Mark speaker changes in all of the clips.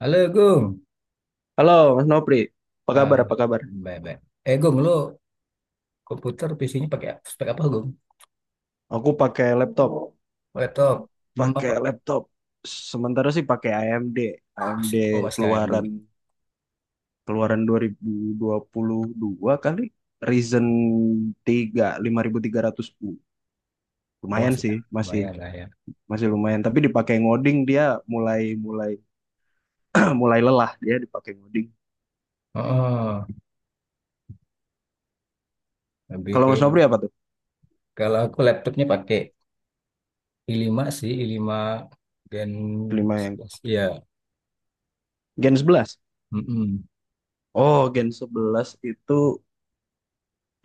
Speaker 1: Halo Gung.
Speaker 2: Halo, Mas Nopri. Apa kabar?
Speaker 1: Ah,
Speaker 2: Apa kabar?
Speaker 1: baik baik. Eh Gung, lu komputer PC-nya pakai spek apa Gung?
Speaker 2: Aku pakai laptop,
Speaker 1: Laptop. Hmm,
Speaker 2: pakai
Speaker 1: apa?
Speaker 2: laptop. Sementara sih pakai AMD, AMD
Speaker 1: Masih, oh masih AMD.
Speaker 2: keluaran keluaran 2022 kali. Ryzen 3 5300U.
Speaker 1: Oh
Speaker 2: Lumayan
Speaker 1: masih.
Speaker 2: sih,
Speaker 1: Ah,
Speaker 2: masih
Speaker 1: lumayan lah ya.
Speaker 2: masih lumayan, tapi dipakai ngoding dia mulai mulai mulai lelah dia dipakai ngoding.
Speaker 1: Oh, lebih
Speaker 2: Kalau
Speaker 1: ke
Speaker 2: Mas
Speaker 1: ini.
Speaker 2: Nopri apa tuh?
Speaker 1: Kalau aku laptopnya pakai i lima sih, i lima Gen
Speaker 2: Kelima yang
Speaker 1: ya.
Speaker 2: Gen 11.
Speaker 1: Mm-mm.
Speaker 2: Oh,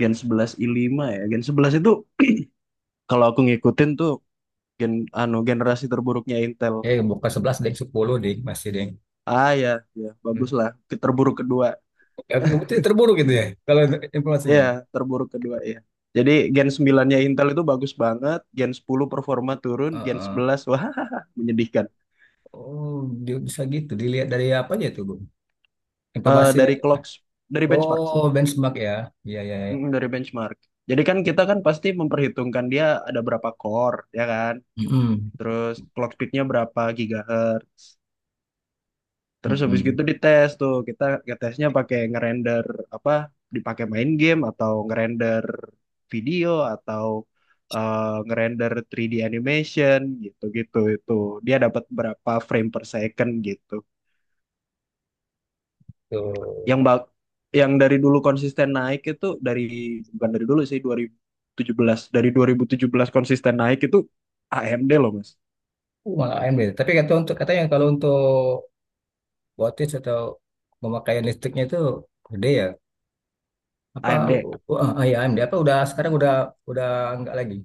Speaker 2: Gen 11 i5 ya. Gen 11 itu kalau aku ngikutin tuh gen generasi terburuknya Intel.
Speaker 1: Eh bukan 11 deng 10 deh, masih deng.
Speaker 2: Ah ya, ya
Speaker 1: Hmm.
Speaker 2: bagus lah. Terburuk kedua.
Speaker 1: Aku betul terburuk gitu ya kalau informasinya.
Speaker 2: Ya, terburuk kedua ya. Jadi Gen 9-nya Intel itu bagus banget, Gen 10 performa turun,
Speaker 1: Ah,
Speaker 2: Gen
Speaker 1: ah.
Speaker 2: 11 wah menyedihkan.
Speaker 1: Oh, dia bisa gitu. Dilihat dari apa aja tuh, Gung?
Speaker 2: Eh
Speaker 1: Informasinya.
Speaker 2: dari clock dari benchmark sih.
Speaker 1: Oh, benchmark ya. Iya, iya, iya.
Speaker 2: Dari benchmark. Jadi kan kita kan pasti memperhitungkan dia ada berapa core, ya kan?
Speaker 1: Mm-mm.
Speaker 2: Terus clock speed-nya berapa gigahertz. Terus habis gitu
Speaker 1: Mm-mm.
Speaker 2: dites tuh, kita ngetesnya pakai ngerender apa, dipakai main game atau ngerender video atau eh, ngerender 3D animation gitu-gitu itu. Dia dapat berapa frame per second gitu.
Speaker 1: Tuh.
Speaker 2: Yang bak yang dari dulu konsisten naik itu bukan dari dulu sih dua ribu tujuh belas dari 2017 konsisten naik itu AMD loh Mas.
Speaker 1: Malah AMD. Tapi katanya kalau untuk wattage atau pemakaian listriknya itu gede ya. Apa
Speaker 2: AMD.
Speaker 1: ah, ya AMD, apa udah sekarang udah enggak lagi.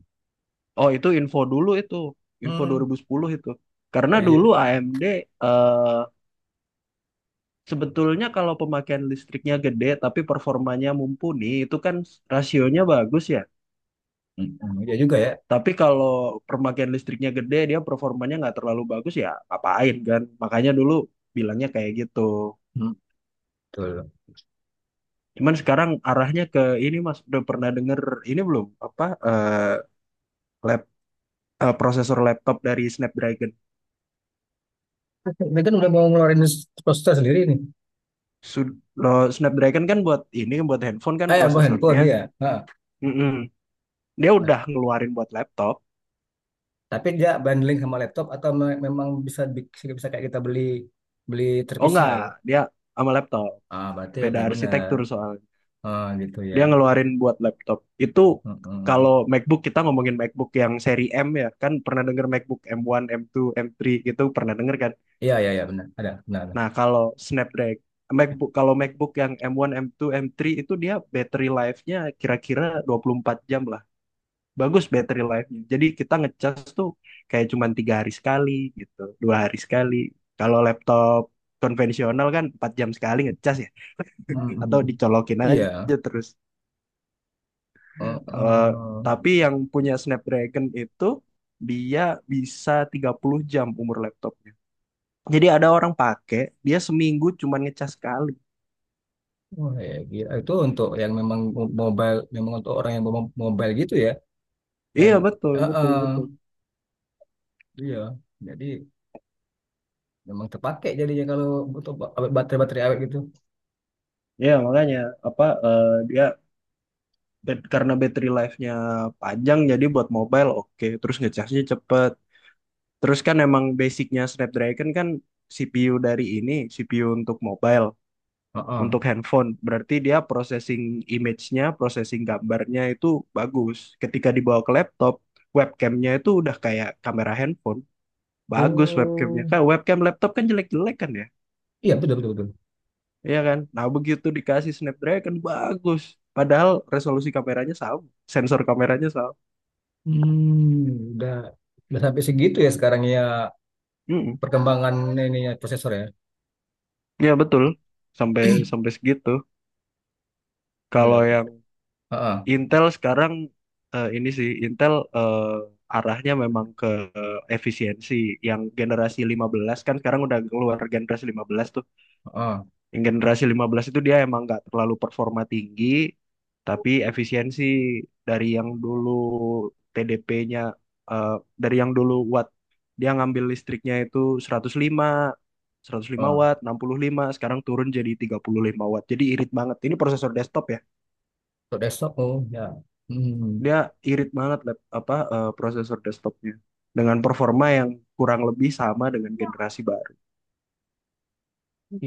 Speaker 2: Oh, itu info dulu itu. Info dua
Speaker 1: Hmm.
Speaker 2: ribu sepuluh itu.
Speaker 1: Oh iya.
Speaker 2: Karena dulu AMD eh, Sebetulnya kalau pemakaian listriknya gede tapi performanya mumpuni itu kan rasionya bagus ya.
Speaker 1: Hmm, iya juga ya.
Speaker 2: Tapi kalau pemakaian listriknya gede dia performanya nggak terlalu bagus ya ngapain kan. Makanya dulu bilangnya kayak gitu.
Speaker 1: Mm. Betul.
Speaker 2: Cuman sekarang arahnya ke ini Mas udah pernah denger ini belum apa lap prosesor laptop dari Snapdragon.
Speaker 1: Ini kan udah mau ngeluarin prosesor sendiri nih.
Speaker 2: Snapdragon kan buat ini buat handphone kan
Speaker 1: Ah ya, mau handphone
Speaker 2: prosesornya.
Speaker 1: iya. Ha.
Speaker 2: Mm-mm. Dia
Speaker 1: Nah,
Speaker 2: udah ngeluarin buat laptop.
Speaker 1: tapi dia bundling sama laptop atau memang bisa bisa kayak kita beli beli
Speaker 2: Oh enggak,
Speaker 1: terpisah.
Speaker 2: dia sama laptop.
Speaker 1: Ah, berarti
Speaker 2: Beda
Speaker 1: ya benar.
Speaker 2: arsitektur soalnya.
Speaker 1: Ah, gitu ya.
Speaker 2: Dia ngeluarin buat laptop. Itu
Speaker 1: Mm-mm.
Speaker 2: kalau MacBook kita ngomongin MacBook yang seri M ya, kan pernah denger MacBook M1, M2, M3 gitu pernah denger kan.
Speaker 1: Iya, iya, iya benar. Ada, benar.
Speaker 2: Nah, Snapdragon kalau MacBook yang M1, M2, M3 itu dia battery life-nya kira-kira 24 jam lah. Bagus battery life-nya. Jadi kita ngecas tuh kayak cuma 3 hari sekali gitu, 2 hari sekali. Kalau laptop konvensional kan 4 jam sekali ngecas ya, atau
Speaker 1: Mm-mm.
Speaker 2: dicolokin
Speaker 1: Iya.
Speaker 2: aja terus. Eh,
Speaker 1: Uh-uh.
Speaker 2: tapi yang punya Snapdragon itu dia bisa 30 jam umur laptopnya. Jadi ada orang pakai, dia seminggu cuman ngecas sekali.
Speaker 1: Wah, ya, gila. Itu untuk yang memang mobile, memang untuk orang yang mobile gitu ya, yang
Speaker 2: Iya betul betul
Speaker 1: uh-uh.
Speaker 2: betul.
Speaker 1: Iya. Jadi memang terpakai jadinya kalau untuk baterai-baterai awet gitu.
Speaker 2: Iya makanya dia karena battery life-nya panjang jadi buat mobile oke, terus ngecasnya cepet. Terus kan emang basicnya Snapdragon kan CPU untuk mobile.
Speaker 1: Uh-uh.
Speaker 2: Untuk handphone. Berarti dia processing image-nya, processing gambarnya itu bagus. Ketika dibawa ke laptop, webcamnya itu udah kayak kamera handphone. Bagus webcamnya.
Speaker 1: Oh,
Speaker 2: Kan webcam laptop kan jelek-jelek kan ya?
Speaker 1: iya betul betul betul.
Speaker 2: Iya kan? Nah begitu dikasih Snapdragon, bagus. Padahal resolusi kameranya sama, sensor kameranya sama.
Speaker 1: Hmm, udah sampai segitu ya sekarang ya,
Speaker 2: Mm-mm.
Speaker 1: perkembangan ininya prosesor ya.
Speaker 2: Ya betul, sampai sampai segitu.
Speaker 1: Udah.
Speaker 2: Kalau yang
Speaker 1: Heeh,
Speaker 2: Intel sekarang ini sih Intel arahnya memang ke efisiensi yang generasi 15 kan sekarang udah keluar generasi 15 tuh.
Speaker 1: heeh.
Speaker 2: Yang generasi 15 itu dia emang nggak terlalu performa tinggi tapi efisiensi dari yang dulu TDP-nya eh, dari yang dulu watt dia ngambil listriknya itu seratus lima seratus lima
Speaker 1: Oh,
Speaker 2: watt, 65 sekarang turun jadi 35 watt. Jadi irit banget. Ini prosesor desktop ya.
Speaker 1: untuk desktop oh ya. Hmm,
Speaker 2: Dia irit banget prosesor desktopnya dengan performa yang kurang lebih sama dengan generasi baru.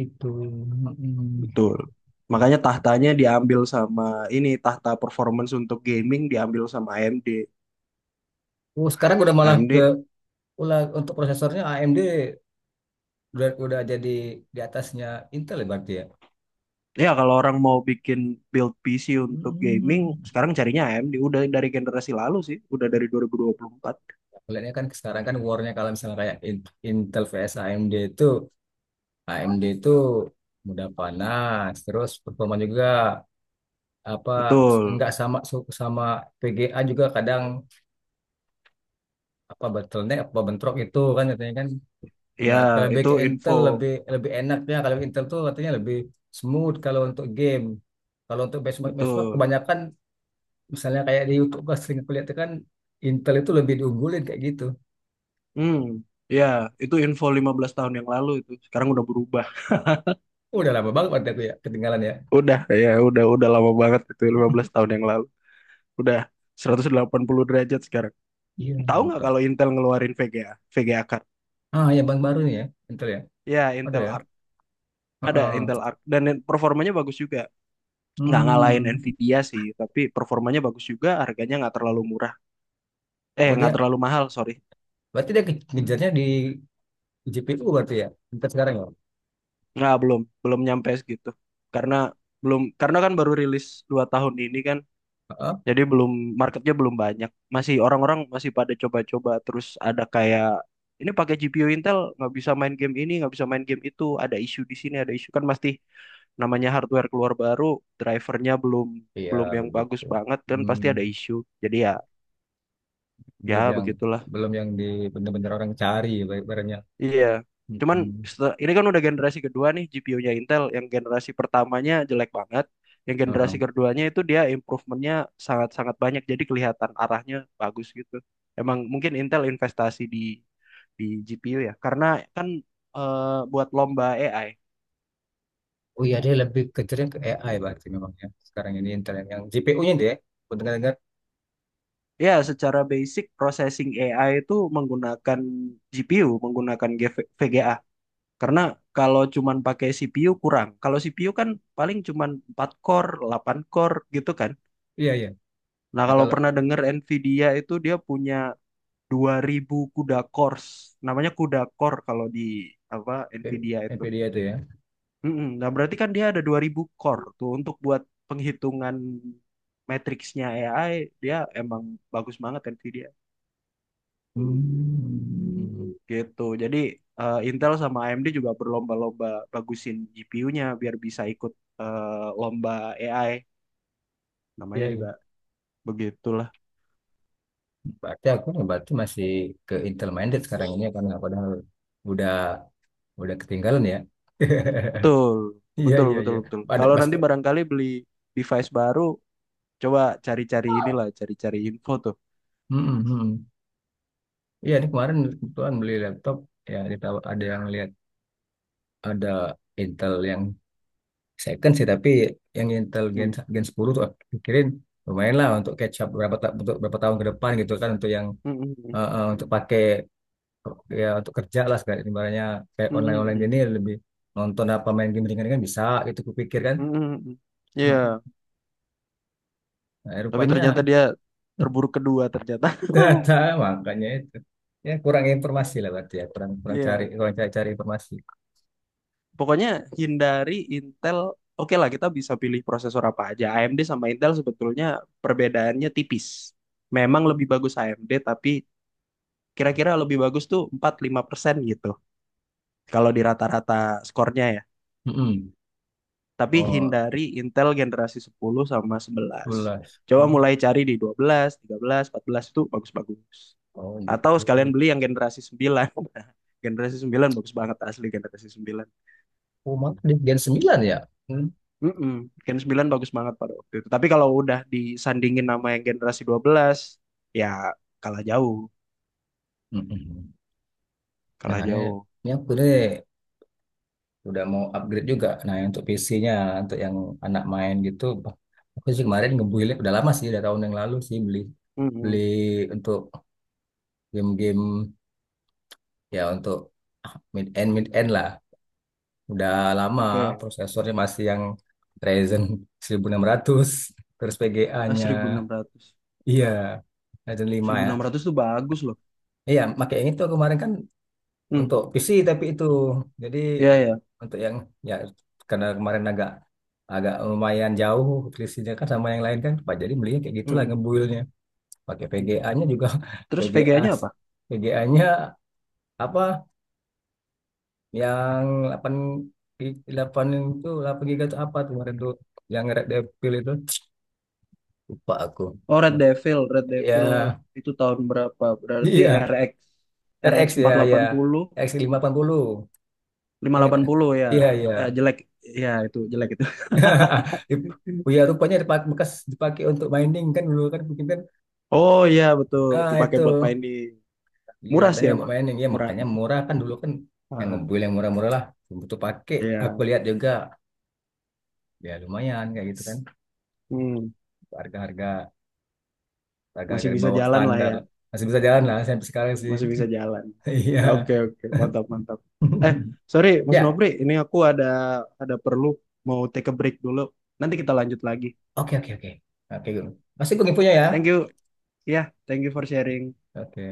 Speaker 1: itu. mm
Speaker 2: Betul. Makanya tahtanya diambil sama tahta performance untuk gaming diambil sama AMD.
Speaker 1: Oh, sekarang udah malah
Speaker 2: AMD
Speaker 1: ke ulah untuk prosesornya AMD udah jadi di atasnya Intel ya berarti ya.
Speaker 2: ya kalau orang mau bikin build PC untuk gaming
Speaker 1: Hmm.
Speaker 2: sekarang carinya AMD udah dari generasi lalu sih, udah dari dua 2024.
Speaker 1: Kelihatannya kan sekarang kan warnya kalau misalnya kayak Intel vs AMD itu, AMD itu mudah panas terus performa juga apa
Speaker 2: Betul.
Speaker 1: enggak sama sama VGA juga kadang apa bottleneck apa bentrok itu kan katanya kan.
Speaker 2: Ya,
Speaker 1: Nah, kalau back
Speaker 2: itu
Speaker 1: ke
Speaker 2: info
Speaker 1: Intel lebih lebih enaknya kalau Intel tuh katanya lebih smooth kalau untuk game. Kalau untuk benchmark benchmark
Speaker 2: betul.
Speaker 1: kebanyakan misalnya kayak di YouTube gua sering kulihat tuh kan Intel itu lebih diunggulin kayak gitu.
Speaker 2: Hmm, ya, itu info 15 tahun yang lalu itu. Sekarang udah berubah.
Speaker 1: Udah lama banget waktu itu ya ketinggalan ya.
Speaker 2: Udah ya, udah lama banget itu 15 tahun yang lalu. Udah 180 derajat sekarang.
Speaker 1: Iya,
Speaker 2: Tahu nggak
Speaker 1: maka.
Speaker 2: kalau Intel ngeluarin VGA, VGA card?
Speaker 1: Ah, ya bank baru nih ya, Intel ya.
Speaker 2: Ya,
Speaker 1: Ada
Speaker 2: Intel
Speaker 1: ya.
Speaker 2: Arc. Ada
Speaker 1: Heeh.
Speaker 2: Intel Arc dan performanya bagus juga. Nggak ngalahin
Speaker 1: Hmm.
Speaker 2: Nvidia sih, tapi performanya bagus juga, harganya nggak terlalu murah. Eh,
Speaker 1: Oh
Speaker 2: nggak
Speaker 1: dia,
Speaker 2: terlalu mahal, sorry.
Speaker 1: berarti dia ngejarnya di GPU berarti ya, Intel sekarang ya.
Speaker 2: Nggak, belum nyampe segitu. Karena belum karena kan baru rilis 2 tahun ini kan.
Speaker 1: Heeh.
Speaker 2: Jadi belum marketnya belum banyak. Orang-orang masih pada coba-coba terus ada kayak ini pakai GPU Intel nggak bisa main game ini, nggak bisa main game itu, ada isu di sini, ada isu kan pasti namanya hardware keluar baru, drivernya belum
Speaker 1: Iya
Speaker 2: belum yang bagus
Speaker 1: begitu.
Speaker 2: banget kan pasti ada
Speaker 1: Hmm.
Speaker 2: isu. Jadi ya
Speaker 1: Belum yang
Speaker 2: begitulah.
Speaker 1: belum yang di bener-bener orang cari barangnya.
Speaker 2: Iya. Cuman
Speaker 1: Mm-mm.
Speaker 2: ini kan udah generasi kedua nih GPU-nya Intel. Yang generasi pertamanya jelek banget. Yang generasi
Speaker 1: Heeh.
Speaker 2: keduanya itu dia improvementnya sangat-sangat banyak. Jadi kelihatan arahnya bagus gitu. Emang mungkin Intel investasi di GPU ya. Karena kan eh, buat lomba AI.
Speaker 1: Oh iya dia lebih kejarnya ke AI berarti memang ya sekarang ini internet yang GPU-nya dia aku dengar-dengar
Speaker 2: Ya, secara basic processing AI itu menggunakan GPU, menggunakan GV VGA. Karena kalau cuman pakai CPU kurang. Kalau CPU kan paling cuman 4 core, 8 core gitu kan.
Speaker 1: iya iya
Speaker 2: Nah,
Speaker 1: nah
Speaker 2: kalau
Speaker 1: kalau
Speaker 2: pernah dengar Nvidia itu dia punya 2.000 kuda cores. Namanya kuda core kalau di apa
Speaker 1: P-
Speaker 2: Nvidia itu.
Speaker 1: NVIDIA itu ya.
Speaker 2: Mm-mm. Nah, berarti kan dia ada 2.000 core tuh untuk buat penghitungan matriksnya AI, dia emang bagus banget Nvidia.
Speaker 1: Hmm.
Speaker 2: Gitu. Jadi Intel sama AMD juga berlomba-lomba bagusin GPU-nya biar bisa ikut lomba AI. Namanya
Speaker 1: Iya iya
Speaker 2: juga begitulah.
Speaker 1: berarti aku nih, berarti masih ke Intel minded sekarang ini ya, karena padahal udah udah ketinggalan ya.
Speaker 2: Betul.
Speaker 1: Iya
Speaker 2: Betul,
Speaker 1: iya
Speaker 2: betul,
Speaker 1: iya
Speaker 2: betul.
Speaker 1: ada
Speaker 2: Kalau
Speaker 1: pas.
Speaker 2: nanti barangkali beli device baru. Coba cari-cari inilah, cari-cari info tuh.
Speaker 1: Mm-mm, iya, ini kemarin kebetulan beli laptop, ya kita ada yang lihat ada Intel yang second sih, tapi yang Intel Gen,
Speaker 2: Hmm.
Speaker 1: Gen 10 tuh aku pikirin lumayan lah untuk catch up untuk berapa tahun ke depan gitu kan, untuk yang
Speaker 2: Hmm, hmm,
Speaker 1: untuk
Speaker 2: hmm.
Speaker 1: pakai ya untuk kerja lah sekarang ibaratnya kayak
Speaker 2: Hmm,
Speaker 1: online
Speaker 2: hmm,
Speaker 1: online
Speaker 2: hmm.
Speaker 1: gini, lebih nonton apa main game ringan-ringan bisa gitu kupikir kan.
Speaker 2: Hmm, hmm, hmm.
Speaker 1: Mm-mm.
Speaker 2: Iya,
Speaker 1: Nah,
Speaker 2: tapi ternyata
Speaker 1: rupanya
Speaker 2: dia terburuk kedua ternyata.
Speaker 1: ternyata makanya itu, ya kurang informasi lah berarti ya, kurang kurang cari,
Speaker 2: Iya.
Speaker 1: kurang cari, cari informasi.
Speaker 2: Pokoknya hindari Intel. Oke lah, kita bisa pilih prosesor apa aja. AMD sama Intel sebetulnya perbedaannya tipis. Memang lebih bagus AMD, tapi kira-kira lebih bagus tuh 4-5% gitu. Kalau di rata-rata skornya ya.
Speaker 1: Mm-mm.
Speaker 2: Tapi
Speaker 1: Oh
Speaker 2: hindari Intel generasi 10 sama 11.
Speaker 1: tulas.
Speaker 2: Coba
Speaker 1: Hmm.
Speaker 2: mulai cari di 12, 13, 14 itu bagus-bagus.
Speaker 1: Oh
Speaker 2: Atau
Speaker 1: gitu.
Speaker 2: sekalian beli yang generasi 9. Generasi 9 bagus banget asli generasi 9.
Speaker 1: Oh mantap di Gen 9 ya. Hmm.
Speaker 2: Mm-mm. Gen 9 bagus banget pada waktu itu. Tapi kalau udah disandingin nama yang generasi 12, ya kalah jauh,
Speaker 1: Mm-mm. Nah,
Speaker 2: kalah
Speaker 1: ini,
Speaker 2: jauh.
Speaker 1: ini aku nih udah mau upgrade juga. Nah, yang untuk PC-nya, untuk yang anak main gitu. Aku sih kemarin ngebuildnya udah lama sih, udah tahun yang lalu sih beli beli
Speaker 2: Mm-mm.
Speaker 1: untuk game-game ya, untuk mid end lah. Udah lama,
Speaker 2: Oke.
Speaker 1: prosesornya masih yang Ryzen 1600, terus
Speaker 2: Eh,
Speaker 1: VGA-nya,
Speaker 2: 1600.
Speaker 1: iya Ryzen 5 ya.
Speaker 2: 1600 tuh bagus loh.
Speaker 1: Iya, makanya itu kemarin kan
Speaker 2: Hmm.
Speaker 1: untuk PC tapi itu jadi
Speaker 2: Iya, ya.
Speaker 1: untuk yang ya, karena kemarin agak agak lumayan jauh selisihnya kan sama yang lain kan Pak, jadi belinya kayak gitulah ngebuilnya. Pakai VGA-nya juga.
Speaker 2: Terus
Speaker 1: VGA
Speaker 2: VGA-nya apa?
Speaker 1: VGA-nya apa, yang 8 8 itu, 8 giga itu apa tuh kemarin tuh, yang Red Devil itu lupa aku
Speaker 2: Oh, Red Devil, Red Devil
Speaker 1: ya
Speaker 2: itu tahun berapa? Berarti
Speaker 1: iya.
Speaker 2: RX RX
Speaker 1: RX ya ya
Speaker 2: 480,
Speaker 1: X580, 580, ingat
Speaker 2: 580 ya.
Speaker 1: iya iya.
Speaker 2: Eh, jelek ya itu jelek itu.
Speaker 1: Oh ya rupanya dipakai bekas, dipakai untuk mining kan dulu kan mungkin kan
Speaker 2: Oh iya betul,
Speaker 1: ah
Speaker 2: dipakai
Speaker 1: itu
Speaker 2: buat main di
Speaker 1: iya,
Speaker 2: murah sih
Speaker 1: katanya buat
Speaker 2: emang,
Speaker 1: mining ya
Speaker 2: murah.
Speaker 1: makanya murah kan dulu kan, yang
Speaker 2: Ah,
Speaker 1: ngebuil yang murah-murah lah, butuh pakai aku
Speaker 2: iya.
Speaker 1: lihat juga ya lumayan kayak gitu kan,
Speaker 2: Hmm,
Speaker 1: harga-harga harga-harga
Speaker 2: masih
Speaker 1: di
Speaker 2: bisa
Speaker 1: bawah
Speaker 2: jalan lah
Speaker 1: standar
Speaker 2: ya,
Speaker 1: lah, masih bisa jalan lah sampai sekarang sih.
Speaker 2: masih bisa jalan.
Speaker 1: Iya.
Speaker 2: Oke oke, mantap mantap. Eh, sorry Mas
Speaker 1: Ya,
Speaker 2: Nopri, ini aku ada perlu mau take a break dulu. Nanti kita lanjut lagi.
Speaker 1: oke oke oke oke Gun. Masih gue infonya ya.
Speaker 2: Thank you. Ya, thank you for sharing.
Speaker 1: Oke.